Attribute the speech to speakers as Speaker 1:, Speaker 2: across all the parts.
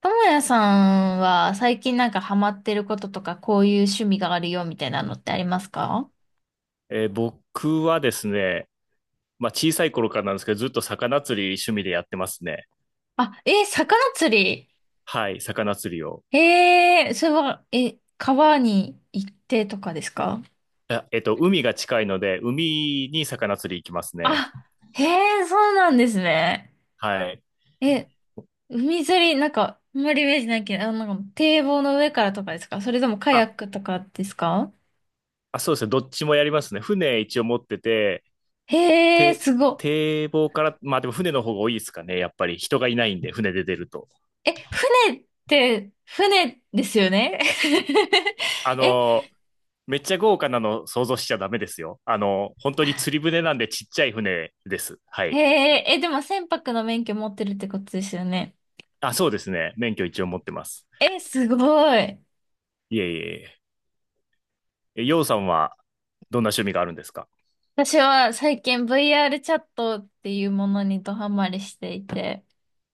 Speaker 1: ともやさんは最近なんかハマってることとか、こういう趣味があるよみたいなのってありますか？
Speaker 2: 僕はですね、まあ、小さい頃からなんですけど、ずっと魚釣り趣味でやってますね。
Speaker 1: あ、魚釣り。
Speaker 2: はい、魚釣りを。
Speaker 1: それは、え、川に行ってとかですか？
Speaker 2: 海が近いので、海に魚釣り行きますね。
Speaker 1: あ、へえ、そうなんですね。
Speaker 2: はい。
Speaker 1: え、海釣り、なんか、あんまりイメージないけど、なんか堤防の上からとかですか？それともカヤッ
Speaker 2: あ、
Speaker 1: クとかですか？
Speaker 2: あ、そうですね。どっちもやりますね。船一応持ってて、
Speaker 1: へえ、
Speaker 2: て、
Speaker 1: すごっ。
Speaker 2: 堤防から、まあでも船の方が多いですかね。やっぱり人がいないんで、船で出ると。
Speaker 1: え、船って、船ですよね？
Speaker 2: あ
Speaker 1: え、
Speaker 2: のーめっちゃ豪華なの想像しちゃダメですよ。本当に釣り船なんでちっちゃい船です。は
Speaker 1: へ
Speaker 2: い。
Speaker 1: え、え、でも船舶の免許持ってるってことですよね。
Speaker 2: あ、そうですね。免許一応持ってます。
Speaker 1: え、すごい。
Speaker 2: いえいえいえ。え、ようさんはどんな趣味があるんですか
Speaker 1: 私は最近 VR チャットっていうものにドハマりしていて、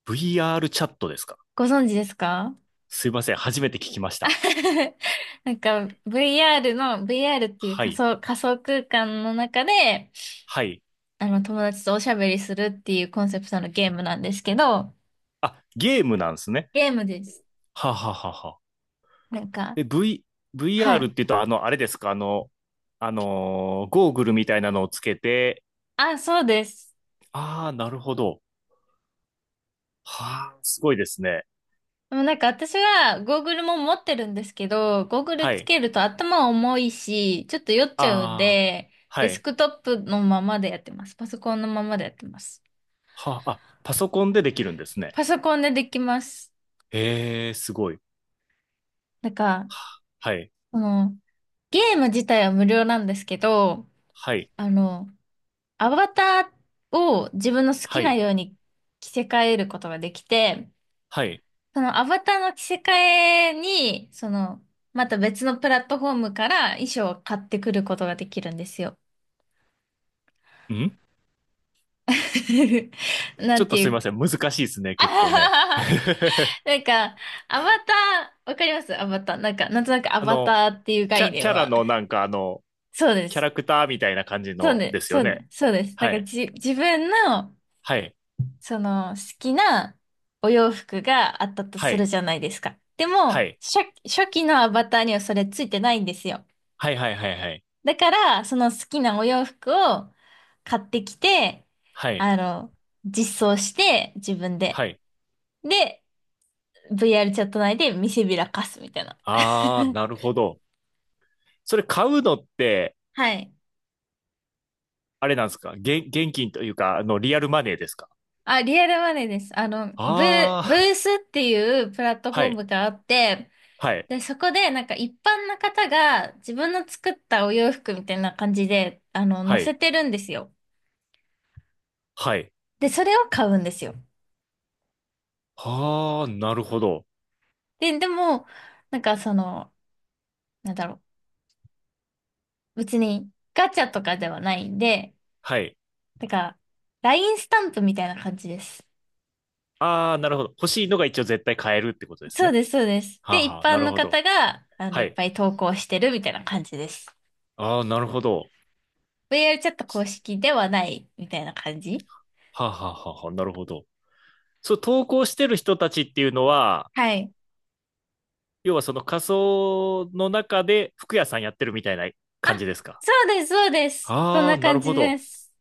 Speaker 2: ?VR チャットですか？
Speaker 1: ご存知ですか？
Speaker 2: すいません、初めて聞きました。
Speaker 1: なんか VR っていう
Speaker 2: は
Speaker 1: 仮
Speaker 2: い、
Speaker 1: 想、仮想空間の中で、
Speaker 2: はい。
Speaker 1: あの友達とおしゃべりするっていうコンセプトのゲームなんですけど、
Speaker 2: あ、ゲームなんですね。
Speaker 1: ゲームです。
Speaker 2: はあはあはあはあ。
Speaker 1: なんか、
Speaker 2: え、
Speaker 1: は
Speaker 2: VR っ
Speaker 1: い。
Speaker 2: て言うと、あれですか？ゴーグルみたいなのをつけて、
Speaker 1: あ、そうです。
Speaker 2: ああ、なるほど。はあ、すごいですね。
Speaker 1: でもなんか私はゴーグルも持ってるんですけど、ゴーグル
Speaker 2: は
Speaker 1: つ
Speaker 2: い。
Speaker 1: けると頭重いし、ちょっと酔っちゃうん
Speaker 2: ああ、
Speaker 1: で、
Speaker 2: は
Speaker 1: デス
Speaker 2: い。
Speaker 1: クトップのままでやってます。パソコンのままでやってます。
Speaker 2: はあ、あ、パソコンでできるんですね。
Speaker 1: パソコンでできます。
Speaker 2: へえ、すごい。
Speaker 1: なんか、
Speaker 2: はあはい、
Speaker 1: この、ゲーム自体は無料なんですけど、
Speaker 2: はい、
Speaker 1: あの、アバターを自分の好き
Speaker 2: は
Speaker 1: な
Speaker 2: い、
Speaker 1: ように着せ替えることができて、
Speaker 2: はい。
Speaker 1: そのアバターの着せ替えに、また別のプラットフォームから衣装を買ってくることができるんですよ。
Speaker 2: ん
Speaker 1: な
Speaker 2: ちょっ
Speaker 1: ん
Speaker 2: と
Speaker 1: てい
Speaker 2: すい
Speaker 1: う
Speaker 2: ま
Speaker 1: か、
Speaker 2: せん。難しいです ね、
Speaker 1: あ
Speaker 2: 結
Speaker 1: は
Speaker 2: 構ね。
Speaker 1: はは なんか、アバター、わかりますアバター？なんか、なんとなくア
Speaker 2: あ
Speaker 1: バ
Speaker 2: の、
Speaker 1: ターっていう概念
Speaker 2: キャラ
Speaker 1: は。
Speaker 2: のなんか
Speaker 1: そうで
Speaker 2: キャ
Speaker 1: す。
Speaker 2: ラクターみたいな感じ
Speaker 1: そう
Speaker 2: の
Speaker 1: で
Speaker 2: で
Speaker 1: す。
Speaker 2: す
Speaker 1: そ
Speaker 2: よ
Speaker 1: うで
Speaker 2: ね。
Speaker 1: す。そうです。なん
Speaker 2: は
Speaker 1: か、
Speaker 2: い。
Speaker 1: 自分の、
Speaker 2: はい。
Speaker 1: 好きなお洋服があったと
Speaker 2: は
Speaker 1: する
Speaker 2: い。
Speaker 1: じゃないですか。でも、
Speaker 2: はい。
Speaker 1: 初期のアバターにはそれついてないんですよ。
Speaker 2: はいはいはいはい。
Speaker 1: だから、その好きなお洋服を買ってきて、
Speaker 2: はい。
Speaker 1: あの、実装して、自分
Speaker 2: は
Speaker 1: で。
Speaker 2: い。
Speaker 1: で、VR チャット内で見せびらかすみたいな。
Speaker 2: あー、なるほど。それ買うのって、
Speaker 1: はい。
Speaker 2: あれなんですか？現金というか、リアルマネーですか？
Speaker 1: あ、リアルマネーです。ブ、
Speaker 2: あ
Speaker 1: ブ
Speaker 2: ー、
Speaker 1: ースっていうプラットフ
Speaker 2: は
Speaker 1: ォー
Speaker 2: い。
Speaker 1: ムがあって、
Speaker 2: はい。
Speaker 1: で、そこでなんか一般の方が自分の作ったお洋服みたいな感じで、
Speaker 2: は
Speaker 1: 載せ
Speaker 2: い。
Speaker 1: てるんですよ。
Speaker 2: はい。
Speaker 1: で、それを買うんですよ。
Speaker 2: あー、なるほど。
Speaker 1: でも、なんかなんだろう。別にガチャとかではないんで、
Speaker 2: はい。
Speaker 1: だから、LINE スタンプみたいな感じです。
Speaker 2: あー、なるほど。欲しいのが一応絶対買えるってことです
Speaker 1: そう
Speaker 2: ね。
Speaker 1: です、そうです。
Speaker 2: は
Speaker 1: で、
Speaker 2: あ
Speaker 1: 一
Speaker 2: はあ、な
Speaker 1: 般
Speaker 2: る
Speaker 1: の
Speaker 2: ほど。
Speaker 1: 方が、
Speaker 2: は
Speaker 1: いっ
Speaker 2: い。
Speaker 1: ぱい投稿してるみたいな感じです。
Speaker 2: ああ、なるほど。
Speaker 1: VR チャット公式ではないみたいな感じ。
Speaker 2: はあ、はあはあはあ、なるほど。そう、投稿してる人たちっていうのは、
Speaker 1: はい。
Speaker 2: 要はその仮想の中で服屋さんやってるみたいな
Speaker 1: あ、
Speaker 2: 感じですか？
Speaker 1: そうです、そうです。そん
Speaker 2: あ
Speaker 1: な
Speaker 2: あー、なる
Speaker 1: 感じ
Speaker 2: ほ
Speaker 1: で
Speaker 2: ど。
Speaker 1: す。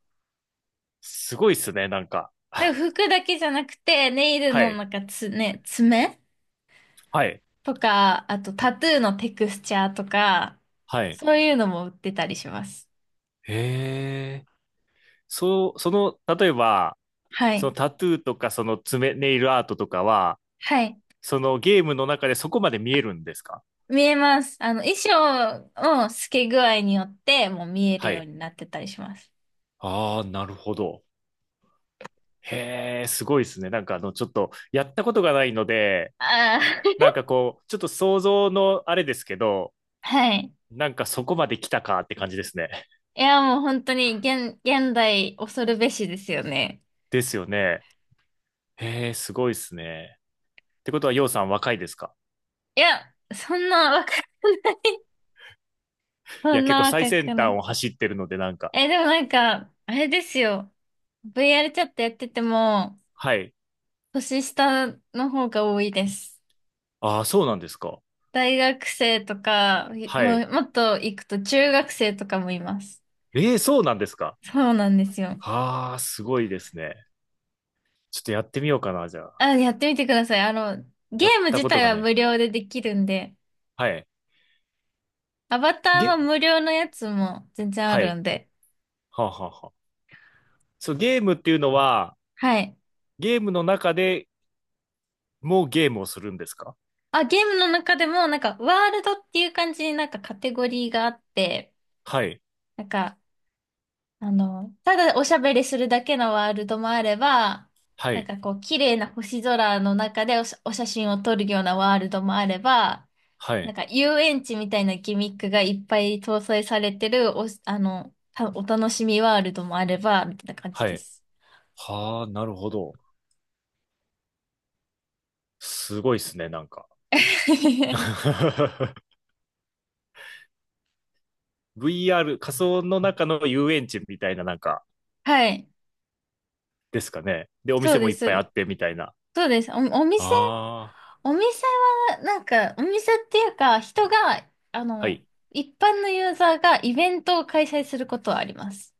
Speaker 2: すごいっすね、なんか。
Speaker 1: で、服だけじゃなくて、ネイル
Speaker 2: は
Speaker 1: の
Speaker 2: い。
Speaker 1: なんか爪
Speaker 2: はい。
Speaker 1: とか、あとタトゥーのテクスチャーとか、
Speaker 2: はい。
Speaker 1: そういうのも売ってたりします。
Speaker 2: へえ。そう、その、例えば、
Speaker 1: は
Speaker 2: その
Speaker 1: い。
Speaker 2: タトゥーとか、その爪、ネイルアートとかは、
Speaker 1: はい。
Speaker 2: そのゲームの中でそこまで見えるんですか？
Speaker 1: 見えます。衣装の透け具合によって、もう見える
Speaker 2: は
Speaker 1: よう
Speaker 2: い。
Speaker 1: になってたりします。
Speaker 2: ああ、なるほど。へえ、すごいですね。なんかちょっと、やったことがないので、
Speaker 1: ああ。
Speaker 2: なんかこう、ちょっと想像のあれですけど、
Speaker 1: はい。
Speaker 2: なんかそこまで来たかって感じですね。
Speaker 1: いや、もう本当に現代恐るべしですよね。
Speaker 2: ですよね。へえ、すごいですね。ってことは、ようさん若いですか？
Speaker 1: いや、そんな若くない。
Speaker 2: い
Speaker 1: そ
Speaker 2: や、
Speaker 1: ん
Speaker 2: 結
Speaker 1: な
Speaker 2: 構最
Speaker 1: 若く
Speaker 2: 先
Speaker 1: な
Speaker 2: 端
Speaker 1: い。
Speaker 2: を走ってるので、なんか。
Speaker 1: え、でもなんか、あれですよ。VR チャットやってても、
Speaker 2: はい。
Speaker 1: 年下の方が多いです。
Speaker 2: ああ、そうなんですか。
Speaker 1: 大学生とか、い
Speaker 2: は
Speaker 1: も
Speaker 2: い。
Speaker 1: う、もっと行くと中学生とかもいます。
Speaker 2: ええ、そうなんですか。
Speaker 1: そうなんですよ。
Speaker 2: ああ、すごいですね。ちょっとやってみようかな、じゃあ。
Speaker 1: あ、やってみてください。ゲ
Speaker 2: やっ
Speaker 1: ーム
Speaker 2: た
Speaker 1: 自
Speaker 2: こと
Speaker 1: 体
Speaker 2: が
Speaker 1: は
Speaker 2: ない。
Speaker 1: 無料でできるんで、
Speaker 2: はい。
Speaker 1: アバター
Speaker 2: ゲ、
Speaker 1: は無料のやつも全然あ
Speaker 2: は
Speaker 1: る
Speaker 2: い。
Speaker 1: んで。
Speaker 2: はあ、はあはあ。そう、ゲームっていうのは、
Speaker 1: はい。
Speaker 2: ゲームの中でもうゲームをするんですか？
Speaker 1: あ、ゲームの中でも、なんか、ワールドっていう感じになんかカテゴリーがあって、
Speaker 2: はい。
Speaker 1: なんか、ただおしゃべりするだけのワールドもあれば、
Speaker 2: は
Speaker 1: なん
Speaker 2: い。
Speaker 1: かこう、綺麗な星空の中でお写真を撮るようなワールドもあれば、
Speaker 2: は
Speaker 1: なん
Speaker 2: い。
Speaker 1: か遊園地みたいなギミックがいっぱい搭載されてるお、あの、たお楽しみワールドもあれば、みたいな感じ
Speaker 2: は
Speaker 1: で
Speaker 2: い。
Speaker 1: す。
Speaker 2: はあ、なるほど。すごいっすね、なんか。VR、仮想の中の遊園地みたいな、なんか、
Speaker 1: はい。
Speaker 2: ですかね？で、お
Speaker 1: そう
Speaker 2: 店も
Speaker 1: で
Speaker 2: いっ
Speaker 1: す、そう
Speaker 2: ぱい
Speaker 1: で
Speaker 2: あ
Speaker 1: す。
Speaker 2: ってみたいな。あ
Speaker 1: そうです。お店
Speaker 2: あ、
Speaker 1: お店は、なんか、お店っていうか、人が、あ
Speaker 2: は
Speaker 1: の、
Speaker 2: い。
Speaker 1: 一般のユーザーがイベントを開催することはあります。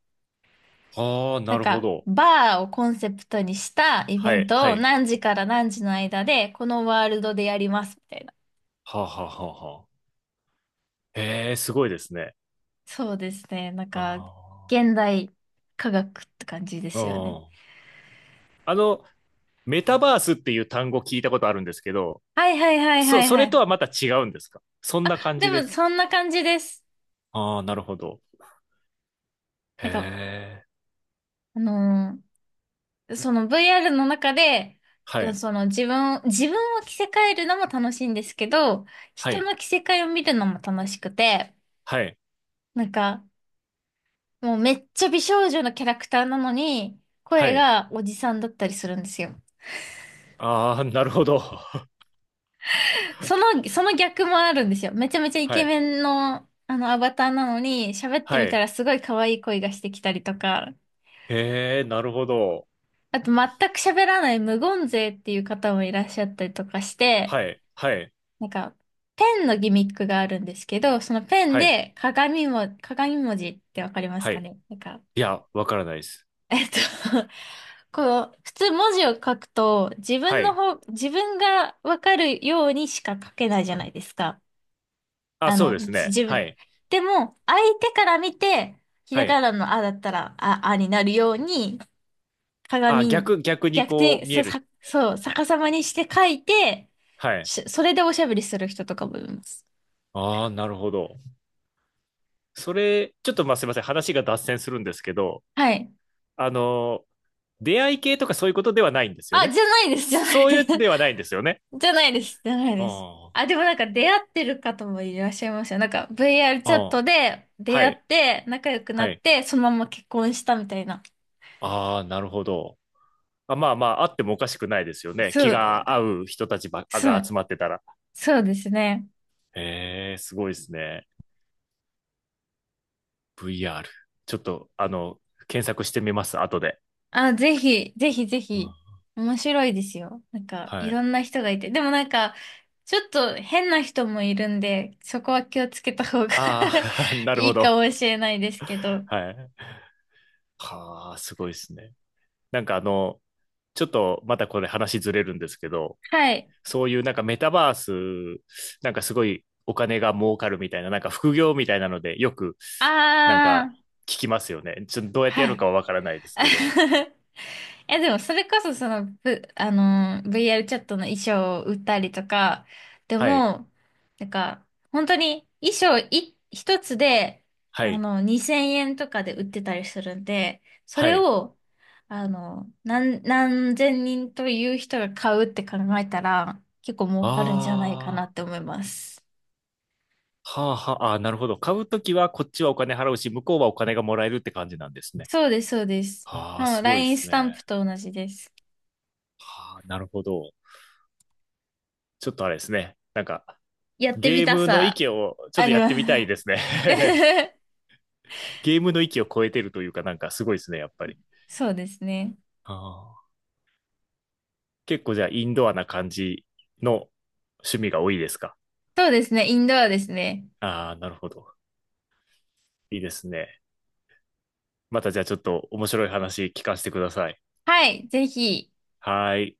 Speaker 2: はあ、
Speaker 1: な
Speaker 2: な
Speaker 1: ん
Speaker 2: るほ
Speaker 1: か、
Speaker 2: ど。
Speaker 1: バーをコンセプトにしたイベ
Speaker 2: は
Speaker 1: ン
Speaker 2: い、は
Speaker 1: トを
Speaker 2: い。
Speaker 1: 何時から何時の間で、このワールドでやります、みたいな。
Speaker 2: はあ、はあ、はあ、はあ。へえ、すごいですね。
Speaker 1: そうですね。なんか、
Speaker 2: あ
Speaker 1: 現代科学って感じで
Speaker 2: あ、
Speaker 1: すよね。
Speaker 2: うん。あの、メタバースっていう単語聞いたことあるんですけど、
Speaker 1: はいはいはい
Speaker 2: そ、
Speaker 1: はい
Speaker 2: そ
Speaker 1: は
Speaker 2: れと
Speaker 1: い。
Speaker 2: はまた違うんですか？そんな感
Speaker 1: で
Speaker 2: じで
Speaker 1: も、
Speaker 2: す。
Speaker 1: そんな感じです。
Speaker 2: ああ、なるほど。へ
Speaker 1: なんか、
Speaker 2: え。
Speaker 1: あのーその VR の中で、
Speaker 2: はい、
Speaker 1: その自分を着せ替えるのも楽しいんですけど、
Speaker 2: は
Speaker 1: 人
Speaker 2: い、
Speaker 1: の着せ替えを見るのも楽しくて、
Speaker 2: はい、
Speaker 1: なんか、もうめっちゃ美少女のキャラクターなのに、
Speaker 2: は
Speaker 1: 声
Speaker 2: い。
Speaker 1: がおじさんだったりするんですよ。
Speaker 2: ああ、なるほど。
Speaker 1: その逆もあるんですよ。めちゃめちゃイ
Speaker 2: は
Speaker 1: ケ
Speaker 2: い。
Speaker 1: メンの、アバターなのに、喋って
Speaker 2: は
Speaker 1: みた
Speaker 2: い。
Speaker 1: らすごい可愛い声がしてきたりとか、
Speaker 2: へえ、なるほど。
Speaker 1: あと全く喋らない無言勢っていう方もいらっしゃったりとかして、
Speaker 2: はい。はい。
Speaker 1: なんか、ペンのギミックがあるんですけど、そのペン
Speaker 2: はい。
Speaker 1: で鏡文字ってわかります
Speaker 2: は
Speaker 1: か
Speaker 2: い。
Speaker 1: ね？なんか、
Speaker 2: いや、わからないです。
Speaker 1: えっと こう、普通文字を書くと、
Speaker 2: はい。
Speaker 1: 自分がわかるようにしか書けないじゃないですか。
Speaker 2: あ、
Speaker 1: あ
Speaker 2: そう
Speaker 1: の、
Speaker 2: です
Speaker 1: じ
Speaker 2: ね。
Speaker 1: 自
Speaker 2: は
Speaker 1: 分。
Speaker 2: い。
Speaker 1: でも、相手から見て、ひら
Speaker 2: は
Speaker 1: が
Speaker 2: い。
Speaker 1: なのあだったら、あ、あになるように、
Speaker 2: あ、
Speaker 1: 鏡、
Speaker 2: 逆に
Speaker 1: 逆
Speaker 2: こ
Speaker 1: 転、
Speaker 2: う見
Speaker 1: そ、
Speaker 2: える。
Speaker 1: さ、そう、逆さまにして書いて、
Speaker 2: はい。
Speaker 1: それでおしゃべりする人とかもいます。
Speaker 2: ああ、なるほど。それ、ちょっとまあすいません。話が脱線するんですけど、
Speaker 1: はい。
Speaker 2: あの、出会い系とかそういうことではないんですよ
Speaker 1: あ、
Speaker 2: ね？
Speaker 1: じゃないです、じゃない
Speaker 2: そう
Speaker 1: で
Speaker 2: い
Speaker 1: す。
Speaker 2: う ではないんですよね？
Speaker 1: じゃないです、じゃないです。
Speaker 2: あ
Speaker 1: あ、でもなんか出会ってる方もいらっしゃいますよ。なんか VR
Speaker 2: あ、
Speaker 1: チャッ
Speaker 2: ああ、
Speaker 1: トで出
Speaker 2: は
Speaker 1: 会っ
Speaker 2: い。
Speaker 1: て仲良くな
Speaker 2: は
Speaker 1: っ
Speaker 2: い。
Speaker 1: てそのまま結婚したみたいな。
Speaker 2: ああ、なるほど。あまあまあ、あってもおかしくないですよね。
Speaker 1: そ
Speaker 2: 気
Speaker 1: う、
Speaker 2: が合う人たちば
Speaker 1: そ
Speaker 2: が集
Speaker 1: う、
Speaker 2: まってたら。
Speaker 1: そうですね。
Speaker 2: へえ、すごいですね。VR。ちょっと、検索してみます、後で。
Speaker 1: あ、ぜひ、ぜひぜ
Speaker 2: う
Speaker 1: ひ。
Speaker 2: ん
Speaker 1: 面白いですよ。なんか
Speaker 2: は
Speaker 1: い
Speaker 2: い。
Speaker 1: ろんな人がいて。でもなんかちょっと変な人もいるんで、そこは気をつけた方が
Speaker 2: ああ、なる
Speaker 1: い
Speaker 2: ほ
Speaker 1: いか
Speaker 2: ど。
Speaker 1: もしれないですけど。
Speaker 2: はい。はあ、すごいですね。なんかちょっとまたこれ話ずれるんですけど、
Speaker 1: はい。
Speaker 2: そういうなんかメタバース、なんかすごいお金が儲かるみたいな、なんか副業みたいなので、よくなん
Speaker 1: あ
Speaker 2: か
Speaker 1: ー、
Speaker 2: 聞きますよね。ちょっとどうやってや
Speaker 1: は
Speaker 2: る
Speaker 1: い。
Speaker 2: かはわからないですけど。
Speaker 1: え、でもそれこそその、V、あのー、VR チャットの衣装を売ったりとか、で
Speaker 2: はい。
Speaker 1: も、なんか、本当に衣装い一つで、
Speaker 2: はい。
Speaker 1: 2000円とかで売ってたりするんで、そ
Speaker 2: は
Speaker 1: れ
Speaker 2: い。
Speaker 1: を、何千人という人が買うって考えたら、結構儲かるんじゃないかな
Speaker 2: あ
Speaker 1: って思います。
Speaker 2: あ、はあはあ、あーなるほど。買うときはこっちはお金払うし、向こうはお金がもらえるって感じなんですね。
Speaker 1: そうです、そうです。
Speaker 2: ああ、
Speaker 1: もう
Speaker 2: すごいで
Speaker 1: LINE
Speaker 2: す
Speaker 1: スタン
Speaker 2: ね。
Speaker 1: プと同じです。
Speaker 2: はあ、なるほど。ちょっとあれですね。なんか、
Speaker 1: やってみ
Speaker 2: ゲー
Speaker 1: た
Speaker 2: ムの
Speaker 1: さ、
Speaker 2: 域をちょっ
Speaker 1: あ
Speaker 2: と
Speaker 1: り
Speaker 2: やっ
Speaker 1: ま
Speaker 2: て
Speaker 1: す。
Speaker 2: みたいですね。ゲームの域を超えてるというか、なんかすごいですね、やっぱり。
Speaker 1: そうですね。
Speaker 2: ああ、結構じゃあインドアな感じの趣味が多いですか？
Speaker 1: そうですね、インドアですね。
Speaker 2: ああー、なるほど。いいですね。またじゃあちょっと面白い話聞かせてください。
Speaker 1: はい、ぜひ。
Speaker 2: はーい。